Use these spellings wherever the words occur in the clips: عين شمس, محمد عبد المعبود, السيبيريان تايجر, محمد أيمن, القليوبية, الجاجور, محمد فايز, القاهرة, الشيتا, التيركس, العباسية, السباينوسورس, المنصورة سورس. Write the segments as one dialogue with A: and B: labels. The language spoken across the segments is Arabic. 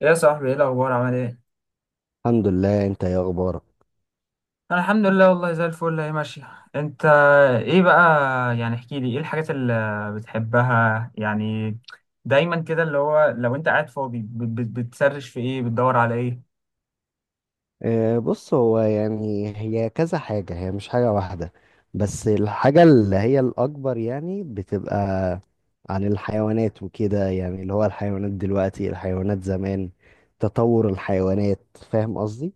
A: يا صاحبي، ايه الاخبار؟ عامل ايه؟
B: الحمد لله، انت ايه اخبارك؟
A: انا الحمد لله والله، زي الفل. هي ماشيه. انت ايه بقى؟ يعني احكي لي، ايه الحاجات اللي بتحبها؟ يعني دايما كده، اللي هو لو انت قاعد فاضي بتسرش في ايه؟ بتدور على ايه؟
B: بص، هو يعني هي كذا حاجة، هي مش حاجة واحدة. بس الحاجة اللي هي الأكبر يعني بتبقى عن الحيوانات وكده، يعني اللي هو الحيوانات دلوقتي، الحيوانات زمان، تطور الحيوانات. فاهم قصدي؟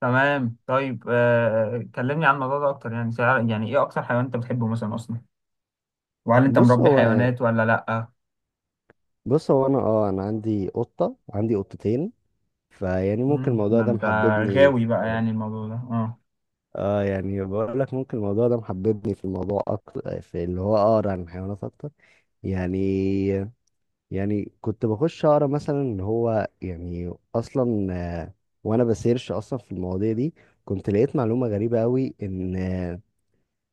A: تمام. طيب، كلمني عن الموضوع ده اكتر. يعني يعني ايه اكتر حيوان انت بتحبه مثلا اصلا؟ وهل انت
B: بص
A: مربي
B: هو
A: حيوانات ولا لا؟
B: بص هو أنا عندي قطة، عندي قطتين. فيعني ممكن
A: ده
B: الموضوع ده
A: انت
B: محببني.
A: غاوي بقى، يعني الموضوع ده اه؟
B: اه يعني بقول لك ممكن الموضوع ده محببني في الموضوع أكتر، في اللي هو أقرأ عن الحيوانات أكتر. يعني يعني كنت بخش اقرا مثلا ان هو يعني اصلا، آه، وانا بسيرش اصلا في المواضيع دي، كنت لقيت معلومه غريبه قوي ان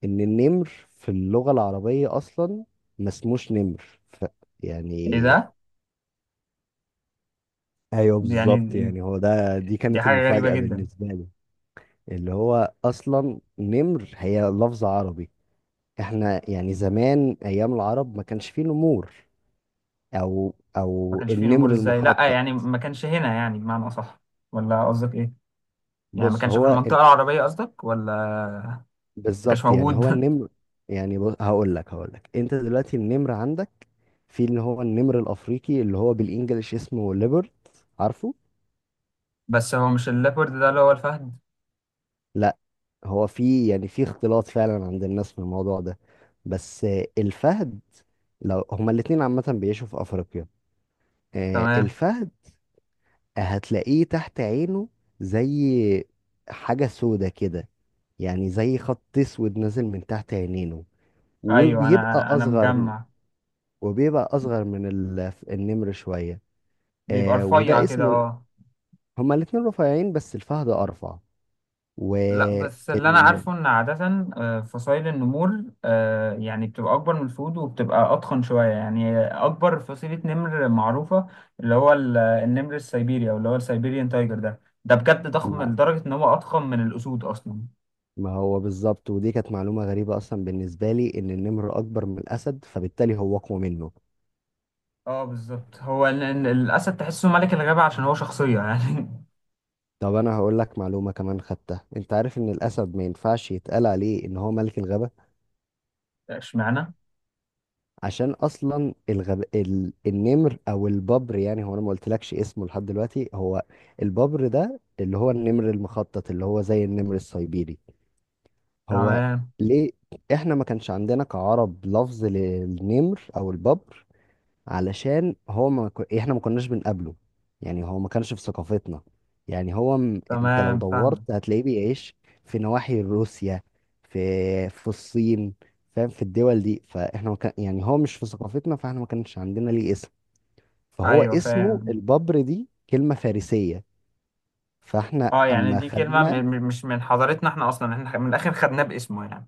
B: ان النمر في اللغه العربيه اصلا ما اسموش نمر. يعني.
A: ايه ده؟
B: ايوه،
A: دي يعني،
B: بالظبط. يعني هو ده دي
A: دي
B: كانت
A: حاجه غريبه
B: المفاجاه
A: جدا.
B: بالنسبه لي. اللي هو اصلا نمر هي لفظ عربي. احنا يعني زمان ايام العرب ما كانش فيه نمور، او
A: ما
B: او
A: كانش فيه
B: النمر
A: نمور ازاي؟ لا
B: المخطط.
A: يعني ما كانش هنا، يعني بمعنى اصح، ولا قصدك ايه؟ يعني ما
B: بص،
A: كانش في
B: هو
A: المنطقه العربيه قصدك، ولا ما كانش
B: بالظبط. يعني
A: موجود؟
B: هو النمر. يعني بص، هقول لك انت دلوقتي النمر عندك في اللي هو النمر الافريقي، اللي هو بالانجلش اسمه ليبرت، عارفه؟
A: بس هو مش الليبرد ده اللي هو الفهد؟
B: لا، هو في يعني في اختلاط فعلا عند الناس في الموضوع ده. بس الفهد، لو هما الاتنين عامة بيعيشوا في افريقيا.
A: تمام.
B: الفهد، هتلاقيه تحت عينه زي حاجة سودة كده، يعني زي خط اسود نازل من تحت عينينه،
A: ايوه،
B: وبيبقى
A: انا
B: اصغر،
A: مجمع.
B: وبيبقى اصغر من النمر شويه.
A: بيبقى رفيع
B: وده
A: كده،
B: اسمه.
A: اه.
B: هما الاتنين رفيعين، بس الفهد ارفع. و
A: لا، بس اللي انا
B: ال...
A: عارفه ان عاده فصائل النمور يعني بتبقى اكبر من الفهود وبتبقى اضخم شويه، يعني اكبر فصيله نمر معروفه. اللي هو النمر السيبيري، او اللي هو السيبيريان تايجر، ده بجد ضخم
B: ما...
A: لدرجه ان هو اضخم من الاسود اصلا.
B: ما هو بالظبط، ودي كانت معلومه غريبه اصلا بالنسبه لي، ان النمر اكبر من الاسد، فبالتالي هو اقوى منه.
A: اه بالظبط، هو الاسد تحسه ملك الغابة عشان هو شخصية يعني.
B: طب انا هقول لك معلومه كمان خدتها، انت عارف ان الاسد ما ينفعش يتقال عليه ان هو ملك الغابه؟
A: اشمعنى؟
B: عشان اصلا النمر او الببر، يعني هو انا ما قلتلكش اسمه لحد دلوقتي. هو الببر ده اللي هو النمر المخطط، اللي هو زي النمر السيبيري. هو
A: تمام.
B: ليه احنا ما كانش عندنا كعرب لفظ للنمر او الببر؟ علشان هو ما ك... احنا ما كناش بنقابله، يعني هو ما كانش في ثقافتنا. يعني هو انت لو
A: تمام فاهم.
B: دورت هتلاقيه بيعيش في نواحي روسيا، في في الصين، فاهم؟ في الدول دي، فاحنا ما كان... يعني هو مش في ثقافتنا، فاحنا ما كانش عندنا ليه اسم، فهو
A: ايوه
B: اسمه
A: فاهم.
B: الببر، دي كلمة فارسية. فاحنا
A: اه، يعني
B: اما
A: دي كلمة
B: خدنا
A: مش من حضارتنا احنا اصلا، احنا من الاخر خدناه باسمه يعني.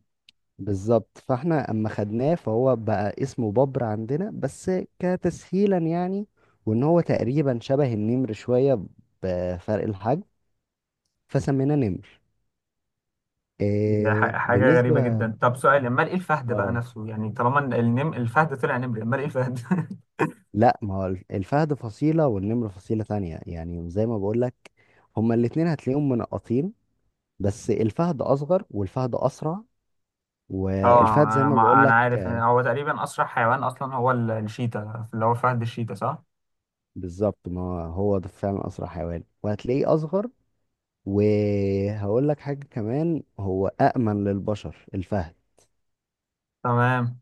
B: بالظبط، فاحنا اما خدناه فهو بقى اسمه بابر عندنا بس، كتسهيلا يعني، وان هو تقريبا شبه النمر شوية بفرق الحجم، فسميناه نمر.
A: دي
B: إيه
A: حاجة غريبة
B: بالنسبة.
A: جدا. طب سؤال، امال ايه الفهد بقى
B: آه.
A: نفسه؟ يعني طالما ال- النم الفهد طلع نمر، امال ايه الفهد؟
B: لا، ما هو الفهد فصيلة والنمر فصيلة تانية، يعني زي ما بقولك، هما الاتنين هتلاقيهم منقطين، بس الفهد اصغر والفهد اسرع،
A: اه،
B: والفهد زي ما
A: انا
B: بقولك.
A: عارف إن هو تقريبا اسرع حيوان اصلا، هو الشيتا، اللي هو فهد الشيتا، صح؟
B: بالظبط، ما هو ده فعلا اسرع حيوان، وهتلاقيه اصغر. وهقول لك حاجة كمان، هو أأمن للبشر الفهد.
A: تمام.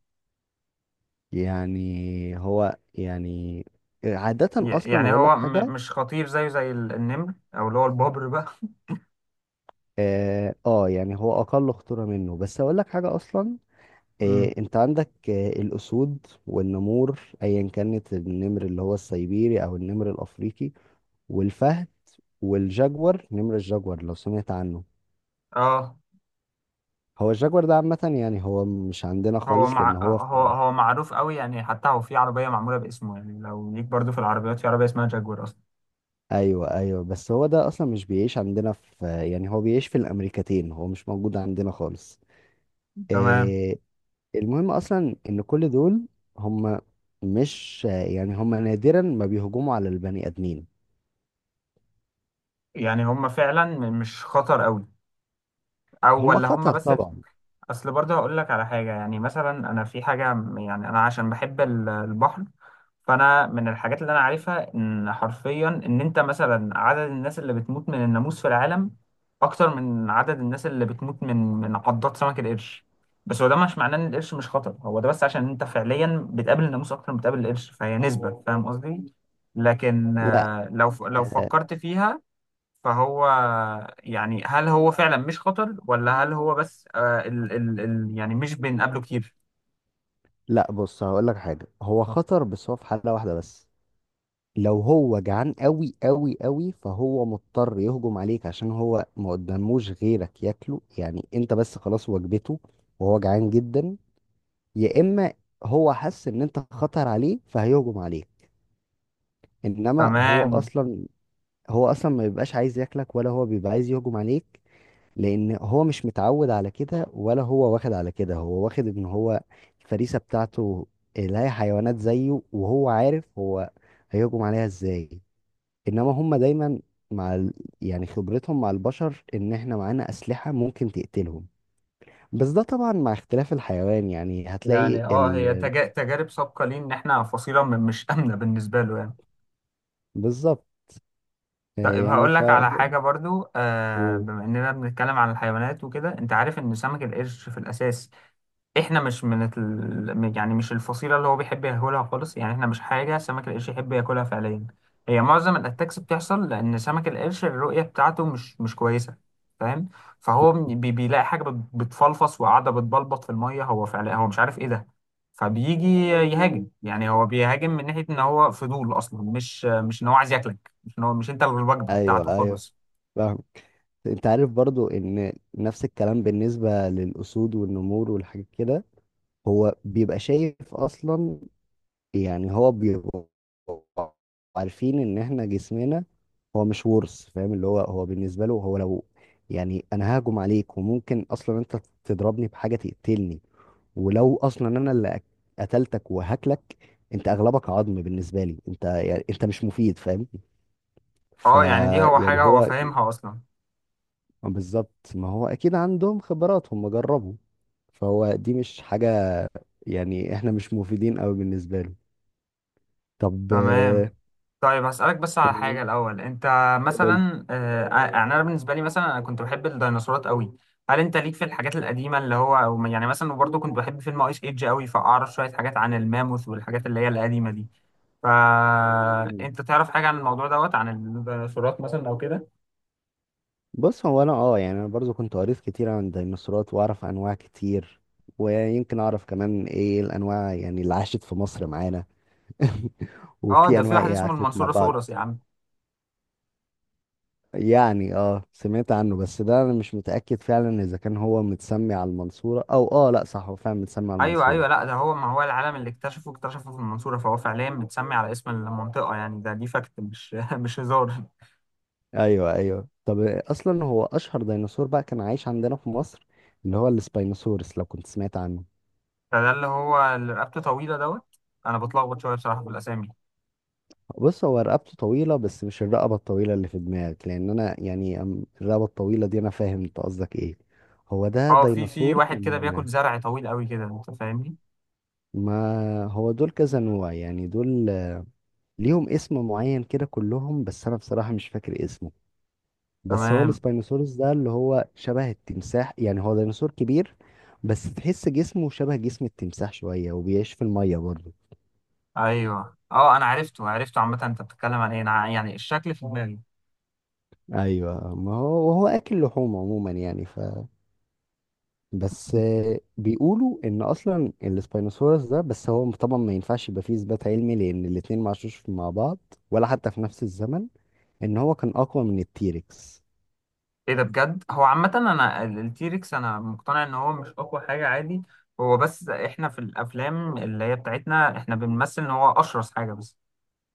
B: يعني هو، يعني عادة أصلا
A: يعني
B: أقول لك
A: هو
B: حاجة.
A: مش خطير زيه زي النمر، او اللي هو البابر بقى.
B: آه، آه، يعني هو أقل خطورة منه، بس أقول لك حاجة أصلا.
A: مم.
B: أنت عندك الأسود والنمور، أيا كانت، النمر اللي هو السيبيري أو النمر الأفريقي، والفهد، والجاجور. نمر الجاجور لو سمعت عنه،
A: اه.
B: هو الجاجور ده عامة يعني هو مش عندنا
A: هو
B: خالص، لأن
A: مع
B: هو
A: هو هو معروف قوي يعني، حتى هو في عربيه معموله باسمه، يعني لو ليك، برضو في العربيات في عربيه اسمها جاكوار اصلا.
B: ايوه، ايوه، بس هو ده اصلا مش بيعيش عندنا يعني هو بيعيش في الامريكتين، هو مش موجود عندنا خالص.
A: تمام.
B: إيه، المهم اصلا ان كل دول هم، مش يعني، هم نادرا ما بيهجموا على البني ادمين.
A: يعني هم فعلا مش خطر قوي، او
B: هم
A: ولا هم
B: خطر
A: بس؟
B: طبعا.
A: اصل برضه هقول لك على حاجه، يعني مثلا انا في حاجه يعني انا عشان بحب البحر. فانا من الحاجات اللي انا عارفها، ان حرفيا ان انت مثلا عدد الناس اللي بتموت من الناموس في العالم اكتر من عدد الناس اللي بتموت من عضات سمك القرش. بس هو ده مش معناه ان القرش مش خطر، هو ده بس عشان انت فعليا بتقابل الناموس اكتر من بتقابل القرش، فهي نسبه، فاهم قصدي؟ لكن
B: لا،
A: لو
B: آه،
A: فكرت فيها فهو، يعني هل هو فعلا مش خطر، ولا هل هو بس آه ال ال ال يعني مش بنقابله كتير؟
B: لا، بص، هقول لك حاجه، هو خطر بس هو في حاله واحده بس. لو هو جعان قوي قوي قوي، فهو مضطر يهجم عليك عشان هو ما قداموش غيرك ياكله، يعني انت بس، خلاص، وجبته، وهو جعان جدا. يا اما هو حس ان انت خطر عليه فهيهجم عليك. انما هو
A: تمام.
B: اصلا هو اصلا ما بيبقاش عايز ياكلك ولا هو بيبقى عايز يهجم عليك، لان هو مش متعود على كده ولا هو واخد على كده. هو واخد ان هو، الفريسه بتاعته اللي هي حيوانات زيه، وهو عارف هو هيهجم عليها ازاي. انما هم دايما مع ال... يعني خبرتهم مع البشر ان احنا معانا اسلحه ممكن تقتلهم. بس ده طبعا مع اختلاف الحيوان، يعني هتلاقي
A: يعني اه، هي تجارب سابقة ليه ان احنا فصيلة مش آمنة بالنسبة له يعني.
B: بالظبط.
A: طيب
B: يعني
A: هقول لك على
B: فهو
A: حاجة برضو،
B: هو-
A: بما اننا بنتكلم عن الحيوانات وكده، انت عارف ان سمك القرش في الاساس، احنا مش من يعني مش الفصيله اللي هو بيحب ياكلها خالص، يعني احنا مش حاجه سمك القرش يحب ياكلها فعليا. هي معظم الاتاكس بتحصل لان سمك القرش الرؤيه بتاعته مش كويسه، فاهم؟ فهو بيلاقي حاجه بتفلفص وقاعده بتبلبط في الميه، هو فعلا هو مش عارف ايه ده. فبيجي يهاجم، يعني هو بيهاجم من ناحيه ان هو فضول اصلا، مش ان هو عايز ياكلك، مش ان هو، مش انت الوجبه
B: ايوه،
A: بتاعته
B: ايوه،
A: خالص.
B: فاهم. انت عارف برضو ان نفس الكلام بالنسبة للأسود والنمور والحاجات كده، هو بيبقى شايف اصلا، يعني هو بيبقى. عارفين ان احنا جسمنا، هو مش ورث، فاهم اللي هو، هو بالنسبة له، هو لو يعني انا ههجم عليك وممكن اصلا انت تضربني بحاجة تقتلني، ولو اصلا انا اللي قتلتك وهاكلك، انت اغلبك عظم بالنسبة لي، انت يعني انت مش مفيد، فاهم؟ ف
A: اه، يعني دي هو
B: يعني
A: حاجه هو
B: هو
A: فاهمها اصلا.
B: بالظبط، ما هو اكيد عندهم خبرات هم جربوا، فهو دي مش حاجة، يعني احنا مش مفيدين قوي بالنسبة له. طب
A: تمام. طيب هسألك بس على
B: إيه؟
A: حاجة الأول، أنت
B: قول.
A: مثلا، يعني أنا بالنسبة لي، مثلا أنا كنت بحب الديناصورات قوي. هل أنت ليك في الحاجات القديمة، اللي هو أو يعني مثلا، وبرضه كنت بحب فيلم أيس إيدج قوي فأعرف شوية حاجات عن الماموث والحاجات اللي هي القديمة دي. فأنت تعرف حاجة عن الموضوع دوت عن الديناصورات مثلا أو كده؟
B: بص، هو انا اه يعني انا برضو كنت قريت كتير عن الديناصورات واعرف انواع كتير، ويمكن اعرف كمان ايه الانواع يعني اللي عاشت في مصر معانا.
A: أه،
B: وفي
A: ده في
B: انواع
A: واحد
B: ايه
A: اسمه
B: عاشت مع
A: المنصورة
B: بعض.
A: سورس يا عم.
B: يعني، سمعت عنه بس ده انا مش متأكد فعلا اذا كان هو متسمي على المنصورة، او لا، صح، هو فعلا متسمي على
A: أيوه،
B: المنصورة.
A: أيوه، لا ده هو، ما هو العالم اللي اكتشفه في المنصورة، فهو فعليا متسمي على اسم المنطقة يعني. ده دي فاكت مش مش هزار.
B: ايوه، ايوه. طب اصلا هو اشهر ديناصور بقى كان عايش عندنا في مصر، اللي هو السباينوسورس، لو كنت سمعت عنه.
A: فده اللي هو اللي رقبته طويله دوت. انا بتلخبط شويه بصراحه في الاسامي.
B: بص، هو رقبته طويله بس مش الرقبه الطويله اللي في دماغك، لان انا يعني الرقبه الطويله دي، انا فاهم انت قصدك ايه. هو ده
A: اه، في
B: ديناصور
A: واحد كده بياكل
B: كان.
A: زرع طويل قوي كده، انت فاهمني.
B: ما هو دول كذا نوع، يعني دول ليهم اسم معين كده كلهم، بس انا بصراحه مش فاكر اسمه. بس هو
A: تمام.
B: السباينوسورس ده اللي هو شبه التمساح، يعني هو ديناصور كبير، بس تحس جسمه شبه جسم التمساح شوية وبيعيش في المية برضه.
A: ايوه اه، انا عرفته عرفته عامه، انت بتتكلم عن ايه، انا يعني الشكل في دماغي.
B: أيوة، ما هو وهو أكل لحوم عموما، يعني بس بيقولوا إن أصلا السباينوسورس ده، بس هو طبعا ما ينفعش يبقى فيه إثبات علمي لأن الاتنين ما عاشوش مع بعض ولا حتى في نفس الزمن، إن هو كان أقوى من التيركس.
A: ايه ده بجد؟ هو عامه، انا التيركس انا مقتنع ان هو مش اقوى حاجه، عادي. هو بس احنا في الافلام اللي هي بتاعتنا احنا بنمثل ان هو اشرس حاجه بس.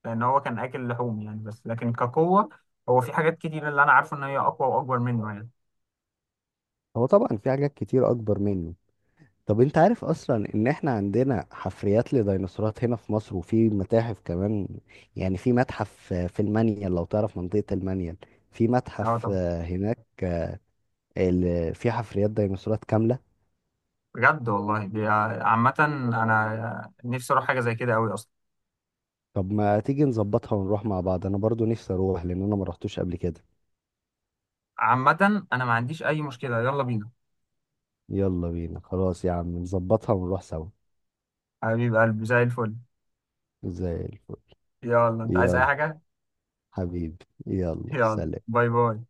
A: لان هو كان اكل لحوم يعني، بس لكن كقوه، هو في حاجات كتير اللي انا عارفه ان هي اقوى واكبر منه يعني.
B: هو طبعا في حاجات كتير أكبر منه. طب انت عارف اصلا ان احنا عندنا حفريات لديناصورات هنا في مصر وفي متاحف كمان، يعني في متحف في المنيل، لو تعرف منطقة المنيل، في متحف
A: اه
B: هناك في حفريات ديناصورات كاملة.
A: بجد والله، دي عامة أنا نفسي أروح حاجة زي كده أوي أصلا.
B: طب ما تيجي نظبطها ونروح مع بعض، انا برضو نفسي اروح لان انا ما رحتوش قبل كده.
A: عامة أنا ما عنديش أي مشكلة، يلا بينا.
B: يلا بينا، خلاص يا عم، نظبطها ونروح سوا.
A: حبيب قلبي، زي الفل.
B: زي الفل،
A: يلا، أنت عايز أي
B: يلا
A: حاجة؟
B: حبيبي، يلا
A: يلا،
B: سلام.
A: باي باي.